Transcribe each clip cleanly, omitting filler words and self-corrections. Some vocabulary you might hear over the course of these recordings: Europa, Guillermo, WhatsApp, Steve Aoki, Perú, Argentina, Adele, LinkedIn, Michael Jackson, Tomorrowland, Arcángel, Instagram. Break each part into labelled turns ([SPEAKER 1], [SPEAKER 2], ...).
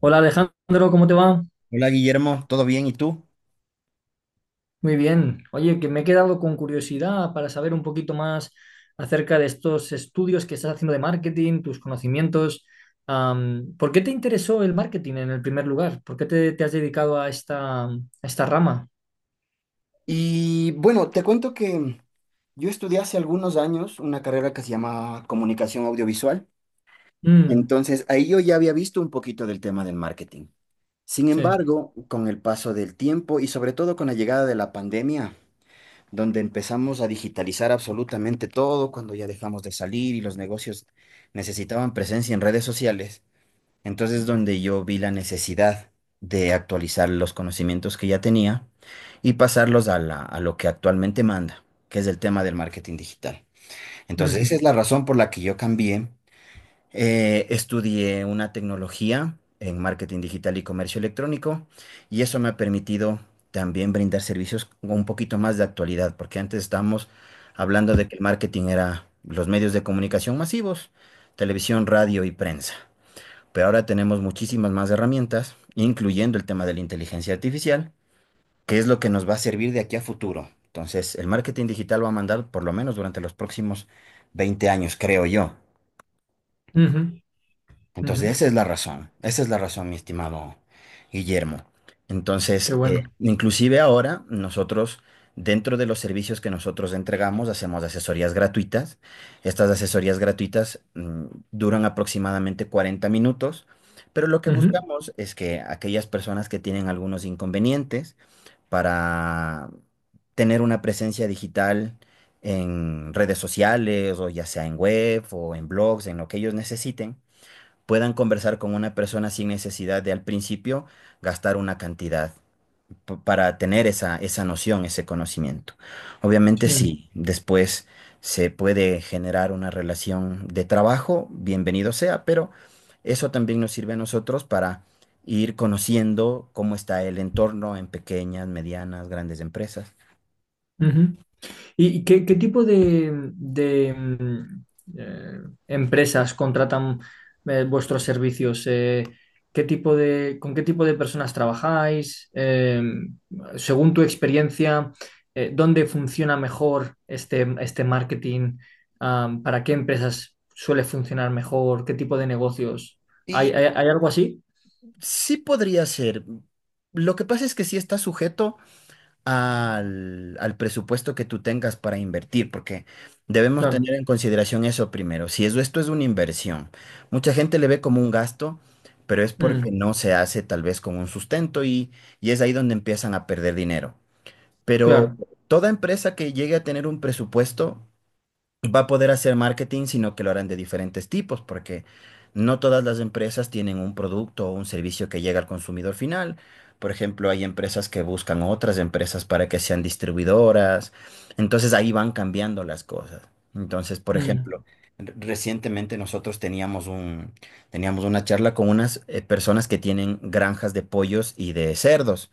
[SPEAKER 1] Hola Alejandro, ¿cómo te va?
[SPEAKER 2] Hola Guillermo, ¿todo bien? ¿Y tú?
[SPEAKER 1] Muy bien. Oye, que me he quedado con curiosidad para saber un poquito más acerca de estos estudios que estás haciendo de marketing, tus conocimientos. ¿Por qué te interesó el marketing en el primer lugar? ¿Por qué te has dedicado a esta rama?
[SPEAKER 2] Y bueno, te cuento que yo estudié hace algunos años una carrera que se llama comunicación audiovisual.
[SPEAKER 1] Mm,
[SPEAKER 2] Entonces, ahí yo ya había visto un poquito del tema del marketing. Sin
[SPEAKER 1] sí.
[SPEAKER 2] embargo, con el paso del tiempo y sobre todo con la llegada de la pandemia, donde empezamos a digitalizar absolutamente todo, cuando ya dejamos de salir y los negocios necesitaban presencia en redes sociales. Entonces, donde yo vi la necesidad de actualizar los conocimientos que ya tenía y pasarlos a lo que actualmente manda, que es el tema del marketing digital. Entonces, esa
[SPEAKER 1] Ujú,
[SPEAKER 2] es la razón por la que yo cambié. Estudié una tecnología en marketing digital y comercio electrónico y eso me ha permitido también brindar servicios con un poquito más de actualidad, porque antes estábamos hablando de que el marketing era los medios de comunicación masivos: televisión, radio y prensa. Pero ahora tenemos muchísimas más herramientas, incluyendo el tema de la inteligencia artificial, que es lo que nos va a servir de aquí a futuro. Entonces, el marketing digital va a mandar por lo menos durante los próximos 20 años, creo yo.
[SPEAKER 1] ujú,
[SPEAKER 2] Entonces,
[SPEAKER 1] ujú.
[SPEAKER 2] esa es la razón, esa es la razón, mi estimado Guillermo.
[SPEAKER 1] Qué
[SPEAKER 2] Entonces,
[SPEAKER 1] bueno.
[SPEAKER 2] inclusive ahora nosotros, dentro de los servicios que nosotros entregamos, hacemos asesorías gratuitas. Estas asesorías gratuitas duran aproximadamente 40 minutos, pero lo que
[SPEAKER 1] Ujú,
[SPEAKER 2] buscamos es que aquellas personas que tienen algunos inconvenientes para tener una presencia digital en redes sociales o ya sea en web o en blogs, en lo que ellos necesiten, puedan conversar con una persona sin necesidad de al principio gastar una cantidad para tener esa noción, ese conocimiento. Obviamente
[SPEAKER 1] sí.
[SPEAKER 2] sí, después se puede generar una relación de trabajo, bienvenido sea, pero eso también nos sirve a nosotros para ir conociendo cómo está el entorno en pequeñas, medianas, grandes empresas.
[SPEAKER 1] Ujú. ¿Y qué tipo de, eh, empresas contratan vuestros servicios? Con qué tipo de personas trabajáis? Según tu experiencia, ¿dónde funciona mejor este marketing? Ah, ¿para qué empresas suele funcionar mejor? ¿Qué tipo de negocios?
[SPEAKER 2] Y
[SPEAKER 1] Hay algo así?
[SPEAKER 2] sí podría ser. Lo que pasa es que sí está sujeto al presupuesto que tú tengas para invertir, porque debemos
[SPEAKER 1] Claro.
[SPEAKER 2] tener en consideración eso primero. Si eso, esto es una inversión, mucha gente le ve como un gasto, pero es porque
[SPEAKER 1] Mm,
[SPEAKER 2] no se hace tal vez con un sustento, y es ahí donde empiezan a perder dinero. Pero
[SPEAKER 1] claro.
[SPEAKER 2] toda empresa que llegue a tener un presupuesto va a poder hacer marketing, sino que lo harán de diferentes tipos, porque no todas las empresas tienen un producto o un servicio que llega al consumidor final. Por ejemplo, hay empresas que buscan otras empresas para que sean distribuidoras. Entonces ahí van cambiando las cosas. Entonces, por ejemplo,
[SPEAKER 1] Mm,
[SPEAKER 2] recientemente nosotros teníamos una charla con unas personas que tienen granjas de pollos y de cerdos.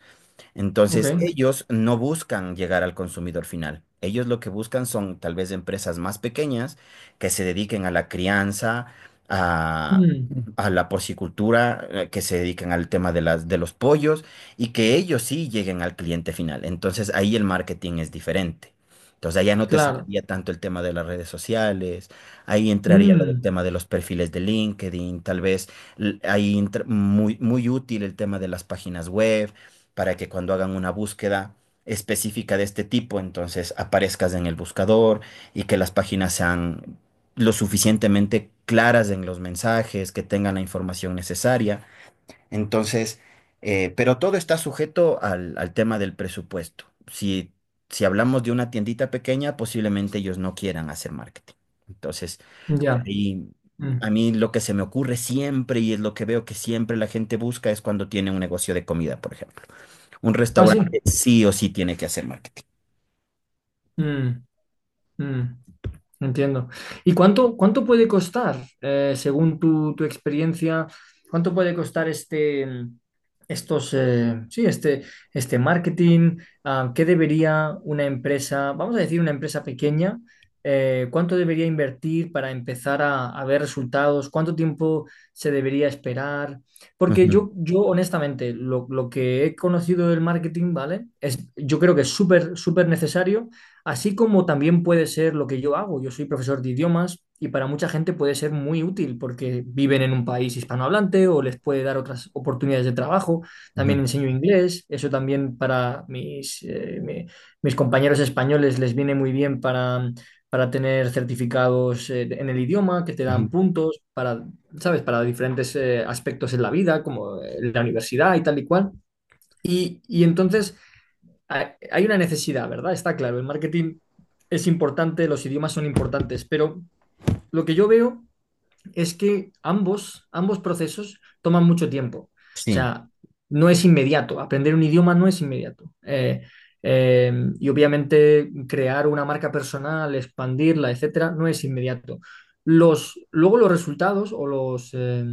[SPEAKER 1] ok.
[SPEAKER 2] Entonces, ellos no buscan llegar al consumidor final. Ellos lo que buscan son tal vez empresas más pequeñas que se dediquen a la crianza, a,
[SPEAKER 1] Mm,
[SPEAKER 2] a la porcicultura, que se dediquen al tema de los pollos y que ellos sí lleguen al cliente final. Entonces, ahí el marketing es diferente. Entonces, allá no te
[SPEAKER 1] claro.
[SPEAKER 2] serviría tanto el tema de las redes sociales, ahí entraría lo del
[SPEAKER 1] Mm,
[SPEAKER 2] tema de los perfiles de LinkedIn. Tal vez ahí entra muy, muy útil el tema de las páginas web, para que cuando hagan una búsqueda específica de este tipo, entonces aparezcas en el buscador y que las páginas sean lo suficientemente claras en los mensajes, que tengan la información necesaria. Entonces, pero todo está sujeto al tema del presupuesto. Si, si hablamos de una tiendita pequeña, posiblemente ellos no quieran hacer marketing. Entonces, por
[SPEAKER 1] ya.
[SPEAKER 2] ahí, a
[SPEAKER 1] Mm.
[SPEAKER 2] mí lo que se me ocurre siempre, y es lo que veo que siempre la gente busca, es cuando tiene un negocio de comida, por ejemplo. Un
[SPEAKER 1] Ah, sí.
[SPEAKER 2] restaurante sí o sí tiene que hacer marketing.
[SPEAKER 1] Mm, mm, entiendo. ¿Y cuánto puede costar, según tu experiencia, cuánto puede costar sí, este marketing? Ah, ¿qué debería una empresa, vamos a decir una empresa pequeña, cuánto debería invertir para empezar a ver resultados? ¿Cuánto tiempo se debería esperar? Porque
[SPEAKER 2] Ujú,
[SPEAKER 1] yo honestamente, lo que he conocido del marketing, ¿vale? Yo creo que es súper, súper necesario. Así como también puede ser lo que yo hago. Yo soy profesor de idiomas y para mucha gente puede ser muy útil porque viven en un país hispanohablante o les puede dar otras oportunidades de trabajo. También
[SPEAKER 2] ujú,
[SPEAKER 1] enseño inglés. Eso también para mis compañeros españoles les viene muy bien para tener certificados en el idioma que te
[SPEAKER 2] ujú.
[SPEAKER 1] dan puntos para, ¿sabes? Para diferentes aspectos en la vida, como la universidad y tal y cual. Y entonces hay una necesidad, ¿verdad? Está claro, el marketing es importante, los idiomas son importantes, pero lo que yo veo es que ambos procesos toman mucho tiempo. O
[SPEAKER 2] Sí.
[SPEAKER 1] sea, no es inmediato. Aprender un idioma no es inmediato. Eh, y obviamente crear una marca personal, expandirla, etcétera, no es inmediato. Luego los resultados o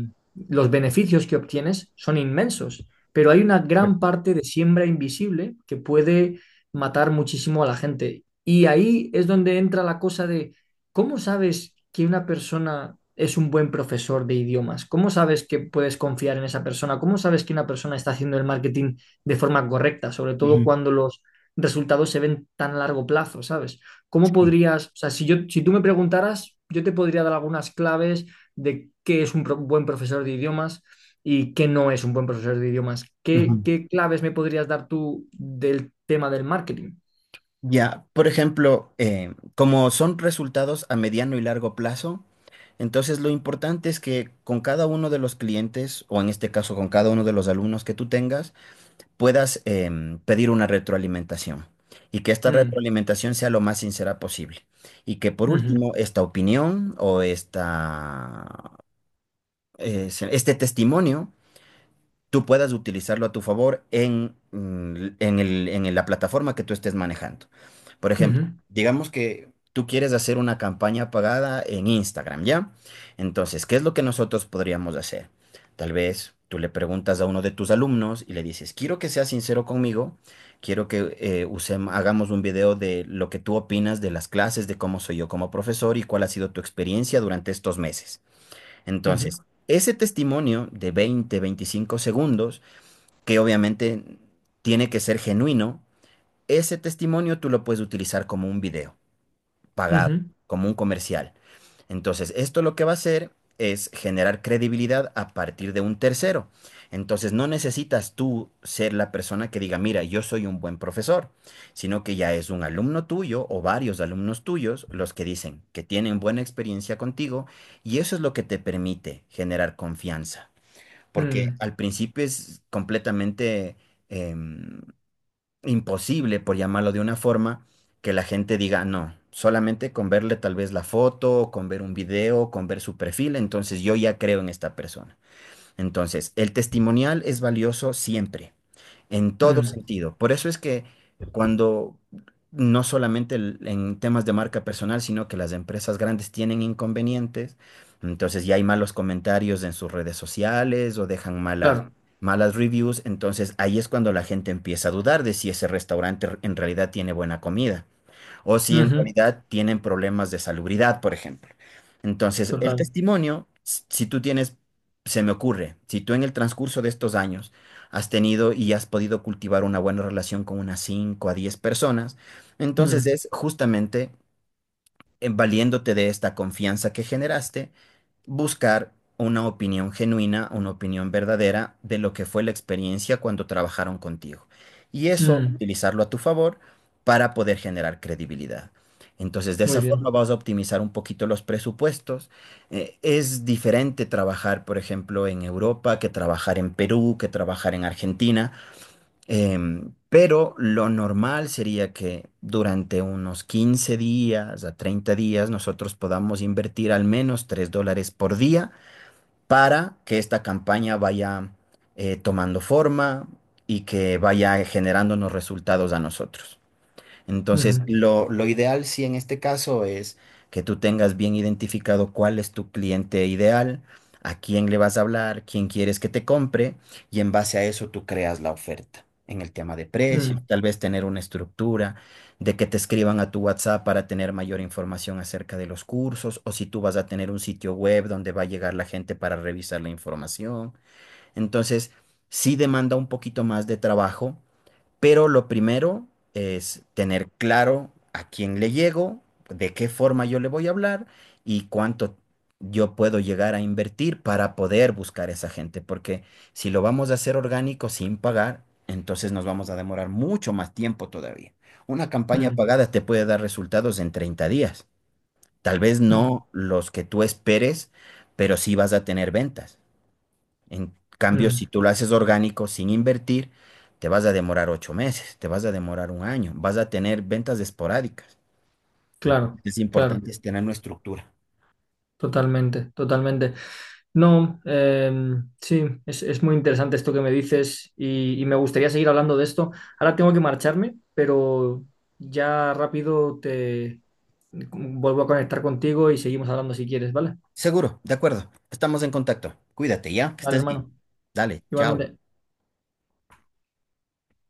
[SPEAKER 1] los beneficios que obtienes son inmensos, pero hay una
[SPEAKER 2] Ve-
[SPEAKER 1] gran parte de siembra invisible que puede matar muchísimo a la gente. Y ahí es donde entra la cosa de ¿cómo sabes que una persona es un buen profesor de idiomas? ¿Cómo sabes que puedes confiar en esa persona? ¿Cómo sabes que una persona está haciendo el marketing de forma correcta, sobre todo
[SPEAKER 2] Ujú,
[SPEAKER 1] cuando los resultados se ven tan a largo plazo, ¿sabes?
[SPEAKER 2] sí,
[SPEAKER 1] O sea, si tú me preguntaras, yo te podría dar algunas claves de qué es un buen profesor de idiomas y qué no es un buen profesor de idiomas. ¿Qué,
[SPEAKER 2] ujú.
[SPEAKER 1] qué claves me podrías dar tú del tema del marketing?
[SPEAKER 2] Ya, por ejemplo, como son resultados a mediano y largo plazo, entonces lo importante es que con cada uno de los clientes, o en este caso con cada uno de los alumnos que tú tengas, puedas pedir una retroalimentación y que esta
[SPEAKER 1] Mm,
[SPEAKER 2] retroalimentación sea lo más sincera posible. Y que por
[SPEAKER 1] ujú,
[SPEAKER 2] último, esta opinión o esta, este testimonio tú puedas utilizarlo a tu favor en, mm, en el- en la plataforma que tú estés manejando. Por ejemplo,
[SPEAKER 1] ujú,
[SPEAKER 2] digamos que tú quieres hacer una campaña pagada en Instagram, ¿ya? Entonces, ¿qué es lo que nosotros podríamos hacer? Tal vez tú le preguntas a uno de tus alumnos y le dices: quiero que seas sincero conmigo, quiero que hagamos un video de lo que tú opinas de las clases, de cómo soy yo como profesor y cuál ha sido tu experiencia durante estos meses.
[SPEAKER 1] ujú,
[SPEAKER 2] Entonces, ese testimonio de 20, 25 segundos, que obviamente tiene que ser genuino, ese testimonio tú lo puedes utilizar como un video pagado,
[SPEAKER 1] ujú,
[SPEAKER 2] como un comercial. Entonces, esto lo que va a hacer es generar credibilidad a partir de un tercero. Entonces, no necesitas tú ser la persona que diga: mira, yo soy un buen profesor, sino que ya es un alumno tuyo o varios alumnos tuyos los que dicen que tienen buena experiencia contigo, y eso es lo que te permite generar confianza.
[SPEAKER 1] ujú,
[SPEAKER 2] Porque
[SPEAKER 1] mm.
[SPEAKER 2] al principio es completamente... em, imposible, por llamarlo de una forma, que la gente diga no. Solamente con verle tal vez la foto, con ver un video, con ver su perfil, entonces yo ya creo en esta persona. Entonces, el testimonial es valioso siempre, en todo
[SPEAKER 1] Mm,
[SPEAKER 2] sentido. Por eso es que cuando no solamente en temas de marca personal, sino que las empresas grandes tienen inconvenientes, entonces ya hay malos comentarios en sus redes sociales o dejan malas,
[SPEAKER 1] claro.
[SPEAKER 2] malas reviews, entonces ahí es cuando la gente empieza a dudar de si ese restaurante en realidad tiene buena comida o si en
[SPEAKER 1] Ujú,
[SPEAKER 2] realidad tienen problemas de salubridad, por ejemplo. Entonces, el
[SPEAKER 1] total.
[SPEAKER 2] testimonio, si tú tienes, se me ocurre, si tú en el transcurso de estos años has tenido y has podido cultivar una buena relación con unas 5 a 10 personas, entonces
[SPEAKER 1] Mm,
[SPEAKER 2] es justamente valiéndote de esta confianza que generaste, buscar una opinión genuina, una opinión verdadera de lo que fue la experiencia cuando trabajaron contigo. Y eso,
[SPEAKER 1] mm,
[SPEAKER 2] utilizarlo a tu favor para poder generar credibilidad. Entonces, de
[SPEAKER 1] muy
[SPEAKER 2] esa forma
[SPEAKER 1] bien.
[SPEAKER 2] vas a optimizar un poquito los presupuestos. Es diferente trabajar, por ejemplo, en Europa, que trabajar en Perú, que trabajar en Argentina. Pero lo normal sería que durante unos 15 días a 30 días nosotros podamos invertir al menos $3 por día, para que esta campaña vaya tomando forma y que vaya generándonos resultados a nosotros. Entonces,
[SPEAKER 1] Ujú,
[SPEAKER 2] lo ideal, sí, en este caso es que tú tengas bien identificado cuál es tu cliente ideal, a quién le vas a hablar, quién quieres que te compre, y en base a eso tú creas la oferta. En el tema de precios,
[SPEAKER 1] mm,
[SPEAKER 2] tal vez tener una estructura de que te escriban a tu WhatsApp para tener mayor información acerca de los cursos, o si tú vas a tener un sitio web donde va a llegar la gente para revisar la información. Entonces, sí demanda un poquito más de trabajo, pero lo primero es tener claro a quién le llego, de qué forma yo le voy a hablar y cuánto yo puedo llegar a invertir para poder buscar esa gente. Porque si lo vamos a hacer orgánico, sin pagar, entonces nos vamos a demorar mucho más tiempo todavía. Una campaña
[SPEAKER 1] mm,
[SPEAKER 2] pagada te puede dar resultados en 30 días. Tal vez
[SPEAKER 1] mm,
[SPEAKER 2] no los que tú esperes, pero sí vas a tener ventas. En cambio, si
[SPEAKER 1] mm.
[SPEAKER 2] tú lo haces orgánico sin invertir, te vas a demorar 8 meses, te vas a demorar un año, vas a tener ventas esporádicas.
[SPEAKER 1] Claro,
[SPEAKER 2] Es
[SPEAKER 1] claro.
[SPEAKER 2] importante es tener una estructura.
[SPEAKER 1] Totalmente, totalmente. No, sí, es muy interesante esto que me dices y me gustaría seguir hablando de esto. Ahora tengo que marcharme, pero ya rápido te vuelvo a conectar contigo y seguimos hablando si quieres, ¿vale?
[SPEAKER 2] Seguro, de acuerdo. Estamos en contacto. Cuídate ya, que
[SPEAKER 1] Vale,
[SPEAKER 2] estés bien.
[SPEAKER 1] hermano.
[SPEAKER 2] Dale, chao.
[SPEAKER 1] Igualmente.